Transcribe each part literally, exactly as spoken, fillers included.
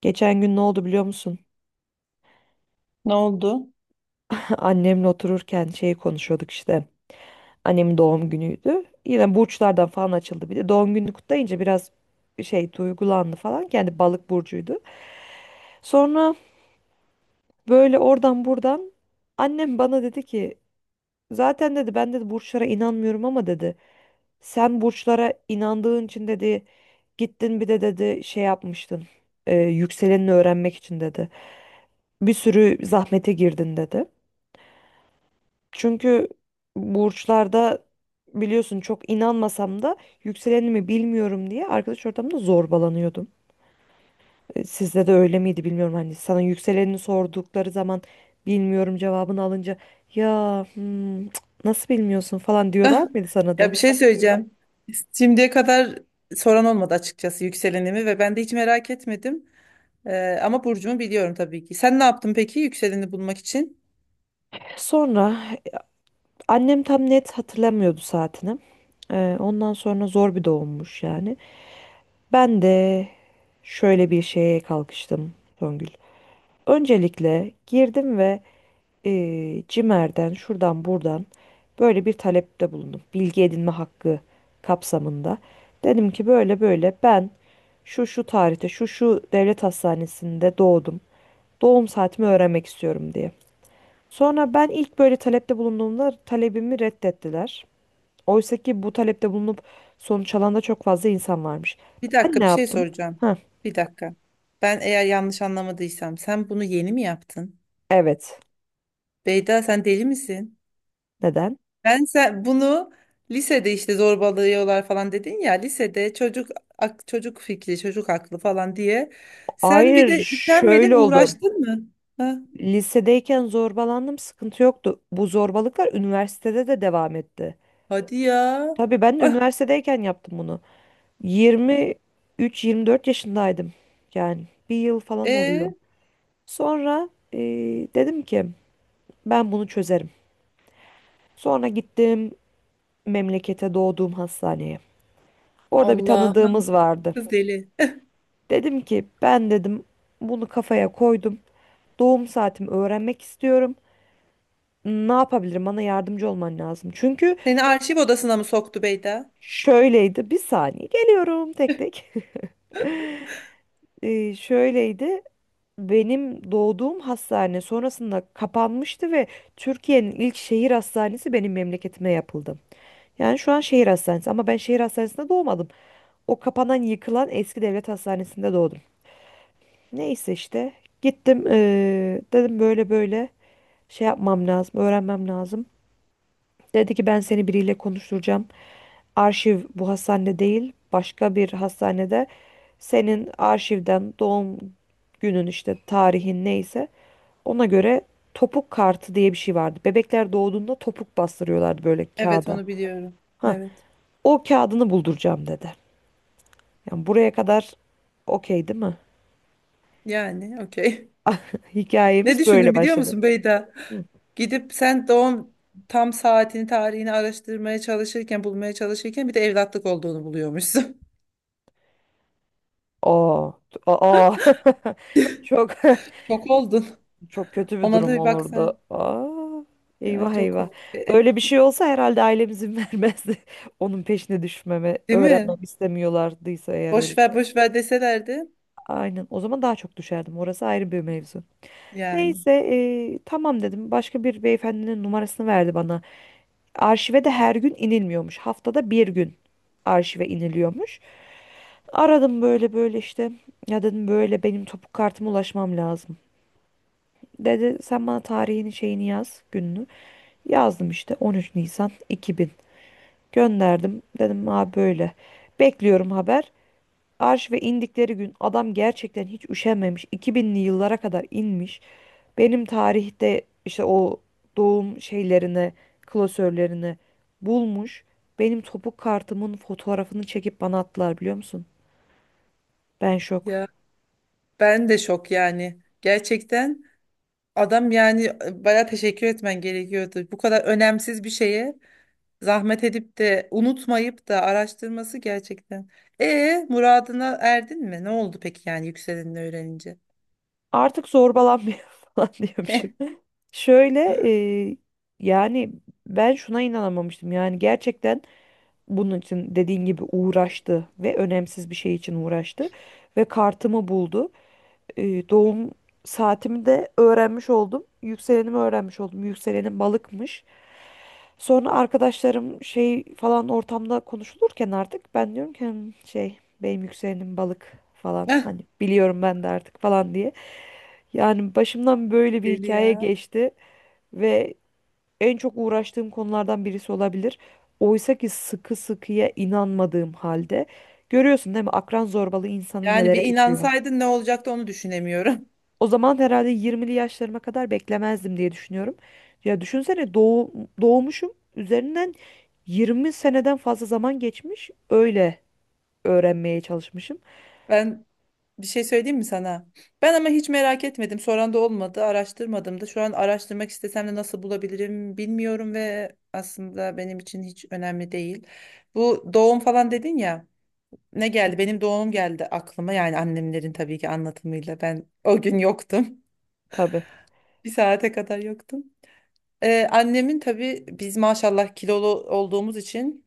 Geçen gün ne oldu biliyor musun? Ne oldu? Annemle otururken şey konuşuyorduk işte. Annemin doğum günüydü. Yine burçlardan falan açıldı bir de. Doğum gününü kutlayınca biraz şey duygulandı falan. Kendi balık burcuydu. Sonra böyle oradan buradan annem bana dedi ki zaten dedi ben dedi burçlara inanmıyorum ama dedi sen burçlara inandığın için dedi gittin bir de dedi şey yapmıştın. e, yükselenini öğrenmek için dedi. Bir sürü zahmete girdin dedi. Çünkü burçlarda biliyorsun çok inanmasam da yükselenimi bilmiyorum diye arkadaş ortamında zorbalanıyordum. E, Sizde de öyle miydi bilmiyorum. Hani sana yükselenini sordukları zaman bilmiyorum cevabını alınca ya hmm, cık, nasıl bilmiyorsun falan diyorlar mıydı sana da? Ya, bir şey söyleyeceğim. Şimdiye kadar soran olmadı açıkçası yükselenimi ve ben de hiç merak etmedim. Ee, ama burcumu biliyorum tabii ki. Sen ne yaptın peki yükseleni bulmak için? Sonra annem tam net hatırlamıyordu saatini. E, ondan sonra zor bir doğummuş yani. Ben de şöyle bir şeye kalkıştım Songül. Öncelikle girdim ve eee CİMER'den şuradan buradan böyle bir talepte bulundum. Bilgi edinme hakkı kapsamında. Dedim ki böyle böyle ben şu şu tarihte şu şu devlet hastanesinde doğdum. Doğum saatimi öğrenmek istiyorum diye. Sonra ben ilk böyle talepte bulunduğumda talebimi reddettiler. Oysa ki bu talepte bulunup sonuç alan da çok fazla insan varmış. Bir Ben dakika, ne bir şey yaptım? soracağım. Heh, Bir dakika. Ben eğer yanlış anlamadıysam sen bunu yeni mi yaptın? evet. Beyda, sen deli misin? Neden? Ben sen bunu lisede işte zorbalıyorlar falan dedin ya, lisede çocuk ak- çocuk fikri, çocuk aklı falan diye. Sen bir Hayır, de üşenmedin, şöyle oldu. uğraştın mı? Ha? Lisedeyken zorbalandım, sıkıntı yoktu. Bu zorbalıklar üniversitede de devam etti. Hadi ya. Tabii ben de Ah, üniversitedeyken yaptım bunu. yirmi üç, yirmi dört yaşındaydım. Yani bir yıl falan oluyor. e Sonra e, dedim ki ben bunu çözerim. Sonra gittim memlekete doğduğum hastaneye. Orada bir Allah'ım, tanıdığımız vardı. kız deli. Dedim ki ben dedim bunu kafaya koydum. Doğum saatimi öğrenmek istiyorum. Ne yapabilirim? Bana yardımcı olman lazım. Çünkü. Seni arşiv odasına mı soktu Beyda? Şöyleydi. Bir saniye geliyorum tek tek. Ee, şöyleydi. Benim doğduğum hastane sonrasında kapanmıştı ve Türkiye'nin ilk şehir hastanesi benim memleketime yapıldı. Yani şu an şehir hastanesi ama ben şehir hastanesinde doğmadım. O kapanan, yıkılan eski devlet hastanesinde doğdum. Neyse işte gittim, ee, dedim böyle böyle şey yapmam lazım, öğrenmem lazım. Dedi ki ben seni biriyle konuşturacağım. Arşiv bu hastane değil, başka bir hastanede senin arşivden doğum günün işte tarihin neyse ona göre topuk kartı diye bir şey vardı. Bebekler doğduğunda topuk bastırıyorlardı böyle Evet, kağıda. onu biliyorum. Ha, Evet. o kağıdını bulduracağım dedi. Yani buraya kadar okey değil mi? Yani okey. Ne Hikayemiz böyle düşündün biliyor başladı. musun Beyda? Hı. Gidip sen doğum tam saatini, tarihini araştırmaya çalışırken, bulmaya çalışırken bir de evlatlık olduğunu buluyormuşsun. Aa, aa. Çok Şok oldun. çok kötü bir Ona da durum bir olurdu. baksaydın. Aa, Ya, eyvah çok eyvah. komik. E, e, Böyle bir şey olsa herhalde ailem izin vermezdi. Onun peşine düşmeme, Değil mi? öğrenmemi istemiyorlardıysa eğer öyle Boş bir ver şey. boş ver deselerdi. Aynen. O zaman daha çok düşerdim. Orası ayrı bir mevzu. Yani. Neyse, e, tamam dedim. Başka bir beyefendinin numarasını verdi bana. Arşive de her gün inilmiyormuş. Haftada bir gün arşive iniliyormuş. Aradım böyle böyle işte. Ya dedim böyle benim topuk kartıma ulaşmam lazım. Dedi sen bana tarihini şeyini yaz gününü. Yazdım işte on üç Nisan iki bin. Gönderdim. Dedim abi böyle. Bekliyorum haber. Arşive indikleri gün adam gerçekten hiç üşenmemiş. iki binli yıllara kadar inmiş. Benim tarihte işte o doğum şeylerini, klasörlerini bulmuş. Benim topuk kartımın fotoğrafını çekip bana attılar biliyor musun? Ben şok. Ya, ben de şok yani. Gerçekten. Adam yani baya teşekkür etmen gerekiyordu. Bu kadar önemsiz bir şeye zahmet edip de unutmayıp da araştırması gerçekten. E muradına erdin mi? Ne oldu peki yani yükselenini öğrenince? Artık zorbalanmıyor falan diyormuşum. Şöyle, e, yani ben şuna inanamamıştım. Yani gerçekten bunun için dediğin gibi uğraştı ve önemsiz bir şey için uğraştı ve kartımı buldu. E, doğum saatimi de öğrenmiş oldum. Yükselenimi öğrenmiş oldum. Yükselenim balıkmış. Sonra arkadaşlarım şey falan ortamda konuşulurken artık ben diyorum ki "Hmm, şey benim yükselenim balık falan Eh. hani biliyorum ben de artık falan" diye. Yani başımdan böyle bir Deli hikaye ya. geçti ve en çok uğraştığım konulardan birisi olabilir. Oysa ki sıkı sıkıya inanmadığım halde görüyorsun değil mi akran zorbalığı insanı Yani bir nelere itiyor. inansaydın ne olacaktı, onu düşünemiyorum. O zaman herhalde yirmili yaşlarıma kadar beklemezdim diye düşünüyorum. Ya düşünsene, doğu, doğmuşum üzerinden yirmi seneden fazla zaman geçmiş öyle öğrenmeye çalışmışım. Ben bir şey söyleyeyim mi sana? Ben ama hiç merak etmedim. Soran da olmadı, araştırmadım da. Şu an araştırmak istesem de nasıl bulabilirim bilmiyorum ve aslında benim için hiç önemli değil. Bu doğum falan dedin ya. Ne geldi? Benim doğum geldi aklıma. Yani annemlerin tabii ki anlatımıyla. Ben o gün yoktum. Tabii. Bir saate kadar yoktum. Ee, annemin tabii biz maşallah kilolu olduğumuz için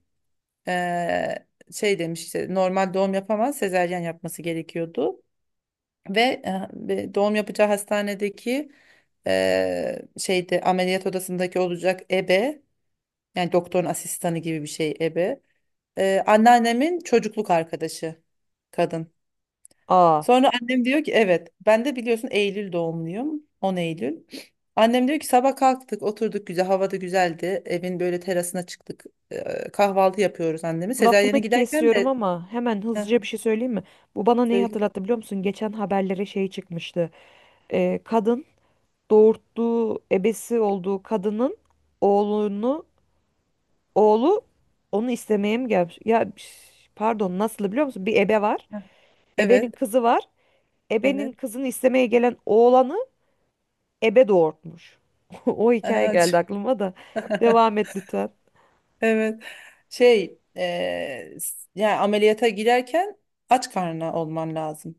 ee, şey demiş işte normal doğum yapamaz, sezaryen yapması gerekiyordu. Ve e, ve doğum yapacağı hastanedeki ee, şeyde, ameliyat odasındaki olacak ebe, yani doktorun asistanı gibi bir şey ebe. Ee, anneannemin çocukluk arkadaşı kadın. Aa, Sonra annem diyor ki evet, ben de biliyorsun Eylül doğumluyum, on Eylül. Annem diyor ki sabah kalktık, oturduk, güzel havada, güzeldi, evin böyle terasına çıktık. Ee, kahvaltı yapıyoruz annemi. Sezaryen'e lafını giderken kesiyorum de ama hemen Heh, hızlıca bir şey söyleyeyim mi? Bu bana neyi söyle. hatırlattı biliyor musun? Geçen haberlere şey çıkmıştı. Ee, kadın doğurttuğu ebesi olduğu kadının oğlunu oğlu onu istemeye mi gelmiş? Ya şş, pardon nasıl biliyor musun? Bir ebe var. Ebenin Evet, kızı var. Ebenin evet. kızını istemeye gelen oğlanı ebe doğurtmuş. O hikaye Aha. geldi aklıma da. Devam et lütfen. Evet, şey e, s- yani ameliyata girerken aç karnına olman lazım.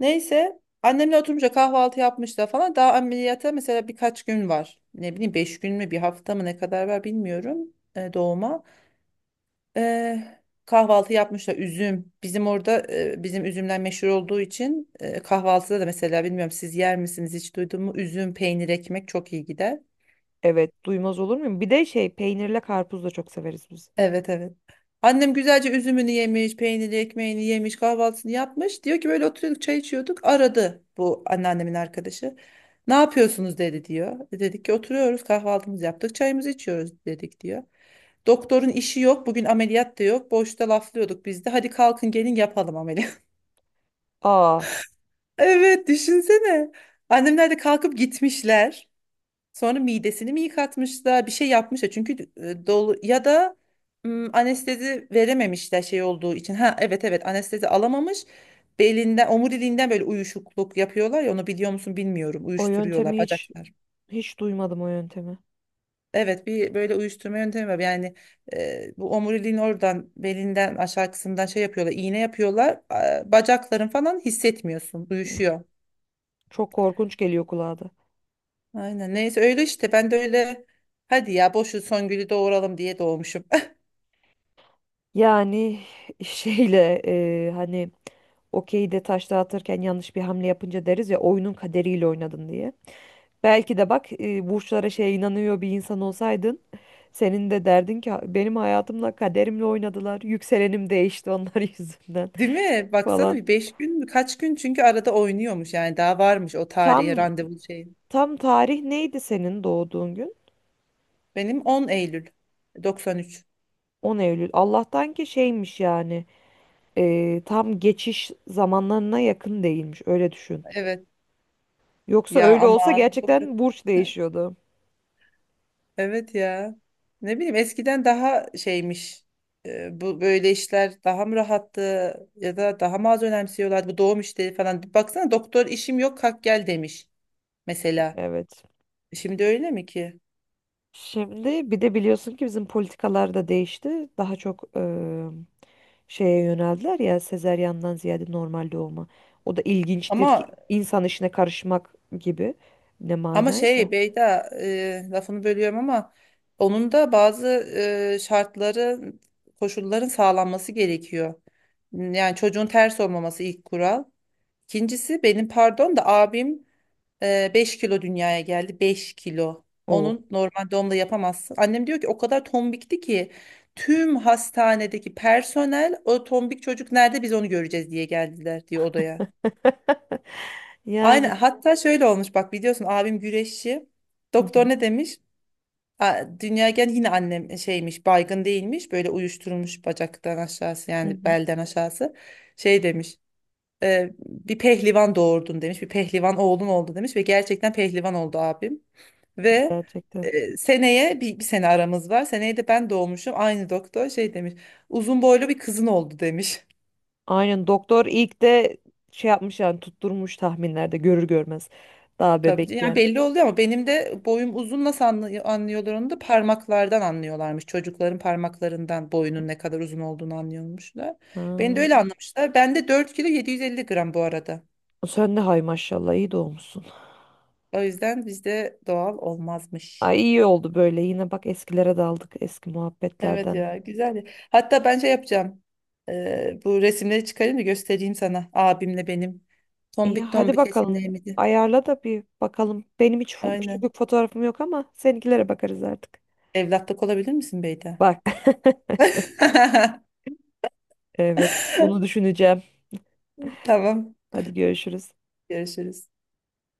Neyse annemle oturunca kahvaltı yapmış da falan, daha ameliyata mesela birkaç gün var. Ne bileyim beş gün mü, bir hafta mı, ne kadar var bilmiyorum e, doğuma. E, kahvaltı yapmışlar üzüm. Bizim orada e, bizim üzümler meşhur olduğu için e, kahvaltıda da mesela, bilmiyorum siz yer misiniz, hiç duydun mu? Üzüm, peynir, ekmek çok iyi gider. Evet, duymaz olur muyum? Bir de şey, peynirle karpuz da çok severiz biz. Evet, evet. Annem güzelce üzümünü yemiş, peyniri, ekmeğini yemiş, kahvaltısını yapmış. Diyor ki böyle oturuyorduk, çay içiyorduk. Aradı bu anneannemin arkadaşı. Ne yapıyorsunuz dedi diyor. E, Dedik ki oturuyoruz, kahvaltımızı yaptık, çayımızı içiyoruz dedik diyor. Doktorun işi yok bugün, ameliyat da yok. Boşta laflıyorduk, biz de hadi kalkın gelin yapalım ameliyat. Aa, Evet, düşünsene. Annemler de kalkıp gitmişler. Sonra midesini mi yıkatmışlar, bir şey yapmışlar. Çünkü e, dolu ya da m, anestezi verememişler şey olduğu için. Ha, evet evet, anestezi alamamış. Belinden, omuriliğinden böyle uyuşukluk yapıyorlar ya, onu biliyor musun bilmiyorum. o Uyuşturuyorlar yöntemi hiç bacaklar. hiç duymadım o yöntemi. Evet, bir böyle uyuşturma yöntemi var. Yani e, bu omuriliğin oradan, belinden aşağı kısmından şey yapıyorlar. İğne yapıyorlar. A- Bacakların falan hissetmiyorsun. Uyuşuyor. Çok korkunç geliyor kulağa da. Aynen, neyse öyle işte, ben de öyle hadi ya boşu Songül'ü doğuralım diye doğmuşum. Yani şeyle, e, hani okeyde taş dağıtırken yanlış bir hamle yapınca deriz ya oyunun kaderiyle oynadın diye. Belki de bak, e, burçlara şey inanıyor bir insan olsaydın senin de derdin ki benim hayatımla kaderimle oynadılar. Yükselenim değişti onlar yüzünden Değil mi? Baksana, falan. bir beş gün mü? Kaç gün, çünkü arada oynuyormuş yani, daha varmış o tarihe Tam randevu şey. tam tarih neydi senin doğduğun gün? Benim on Eylül doksan üç. on Eylül. Allah'tan ki şeymiş yani, e, tam geçiş zamanlarına yakın değilmiş öyle düşün. Evet. Yoksa Ya öyle olsa aman. Çok kötü. gerçekten burç değişiyordu. Evet ya. Ne bileyim eskiden daha şeymiş. Ee, bu böyle işler daha mı rahattı, ya da daha mı az önemsiyorlardı bu doğum işleri falan. Baksana doktor işim yok, kalk gel demiş mesela. Evet. Şimdi öyle mi ki? Şimdi bir de biliyorsun ki bizim politikalar da değişti. Daha çok şeye yöneldiler ya sezeryandan ziyade normal doğuma. O da ilginçtir ki Ama insan işine karışmak gibi ne Ama manaysa. şey Beyda, e, lafını bölüyorum ama onun da bazı e, şartları, koşulların sağlanması gerekiyor. Yani çocuğun ters olmaması ilk kural. İkincisi, benim pardon da abim e, beş kilo dünyaya geldi. Beş kilo. Oo. Onun normal doğumla yapamazsın. Annem diyor ki o kadar tombikti ki tüm hastanedeki personel o tombik çocuk nerede, biz onu göreceğiz diye geldiler diyor odaya. Aynen, Yani hatta şöyle olmuş bak, biliyorsun abim güreşçi. hı hı, Doktor ne demiş? A- Dünyaya gelen yine annem e, şeymiş, baygın değilmiş, böyle uyuşturulmuş bacaktan aşağısı, hı yani hı, belden aşağısı, şey demiş e, bir pehlivan doğurdun demiş, bir pehlivan oğlun oldu demiş ve gerçekten pehlivan oldu abim ve gerçekten. e, seneye, bir, bir sene aramız var, seneye de ben doğmuşum, aynı doktor şey demiş, uzun boylu bir kızın oldu demiş. Aynen doktor ilk de şey yapmış yani tutturmuş tahminlerde görür görmez. Daha Tabii yani bebekken. belli oluyor ama benim de boyum uzun, nasıl anlıyor, anlıyorlar onu da, parmaklardan anlıyorlarmış. Çocukların parmaklarından boyunun ne kadar uzun olduğunu anlıyormuşlar. Ha. Beni de öyle anlamışlar. Ben de dört kilo yedi yüz elli gram bu arada. Sen de hay maşallah iyi doğmuşsun. O yüzden bizde doğal olmazmış. Ay iyi oldu böyle, yine bak eskilere daldık eski Evet muhabbetlerden. ya, güzel ya. Hatta ben şey yapacağım. Ee, bu resimleri çıkarayım da göstereyim sana. Abimle benim. İyi Tombik hadi tombik bakalım. resimlerimizi. Ayarla da bir bakalım. Benim hiç fo- Aynen. küçüklük fotoğrafım yok ama seninkilere bakarız artık. Evlatlık olabilir misin Beyda? Bak. Evet, bunu düşüneceğim. Tamam. Hadi görüşürüz. Görüşürüz.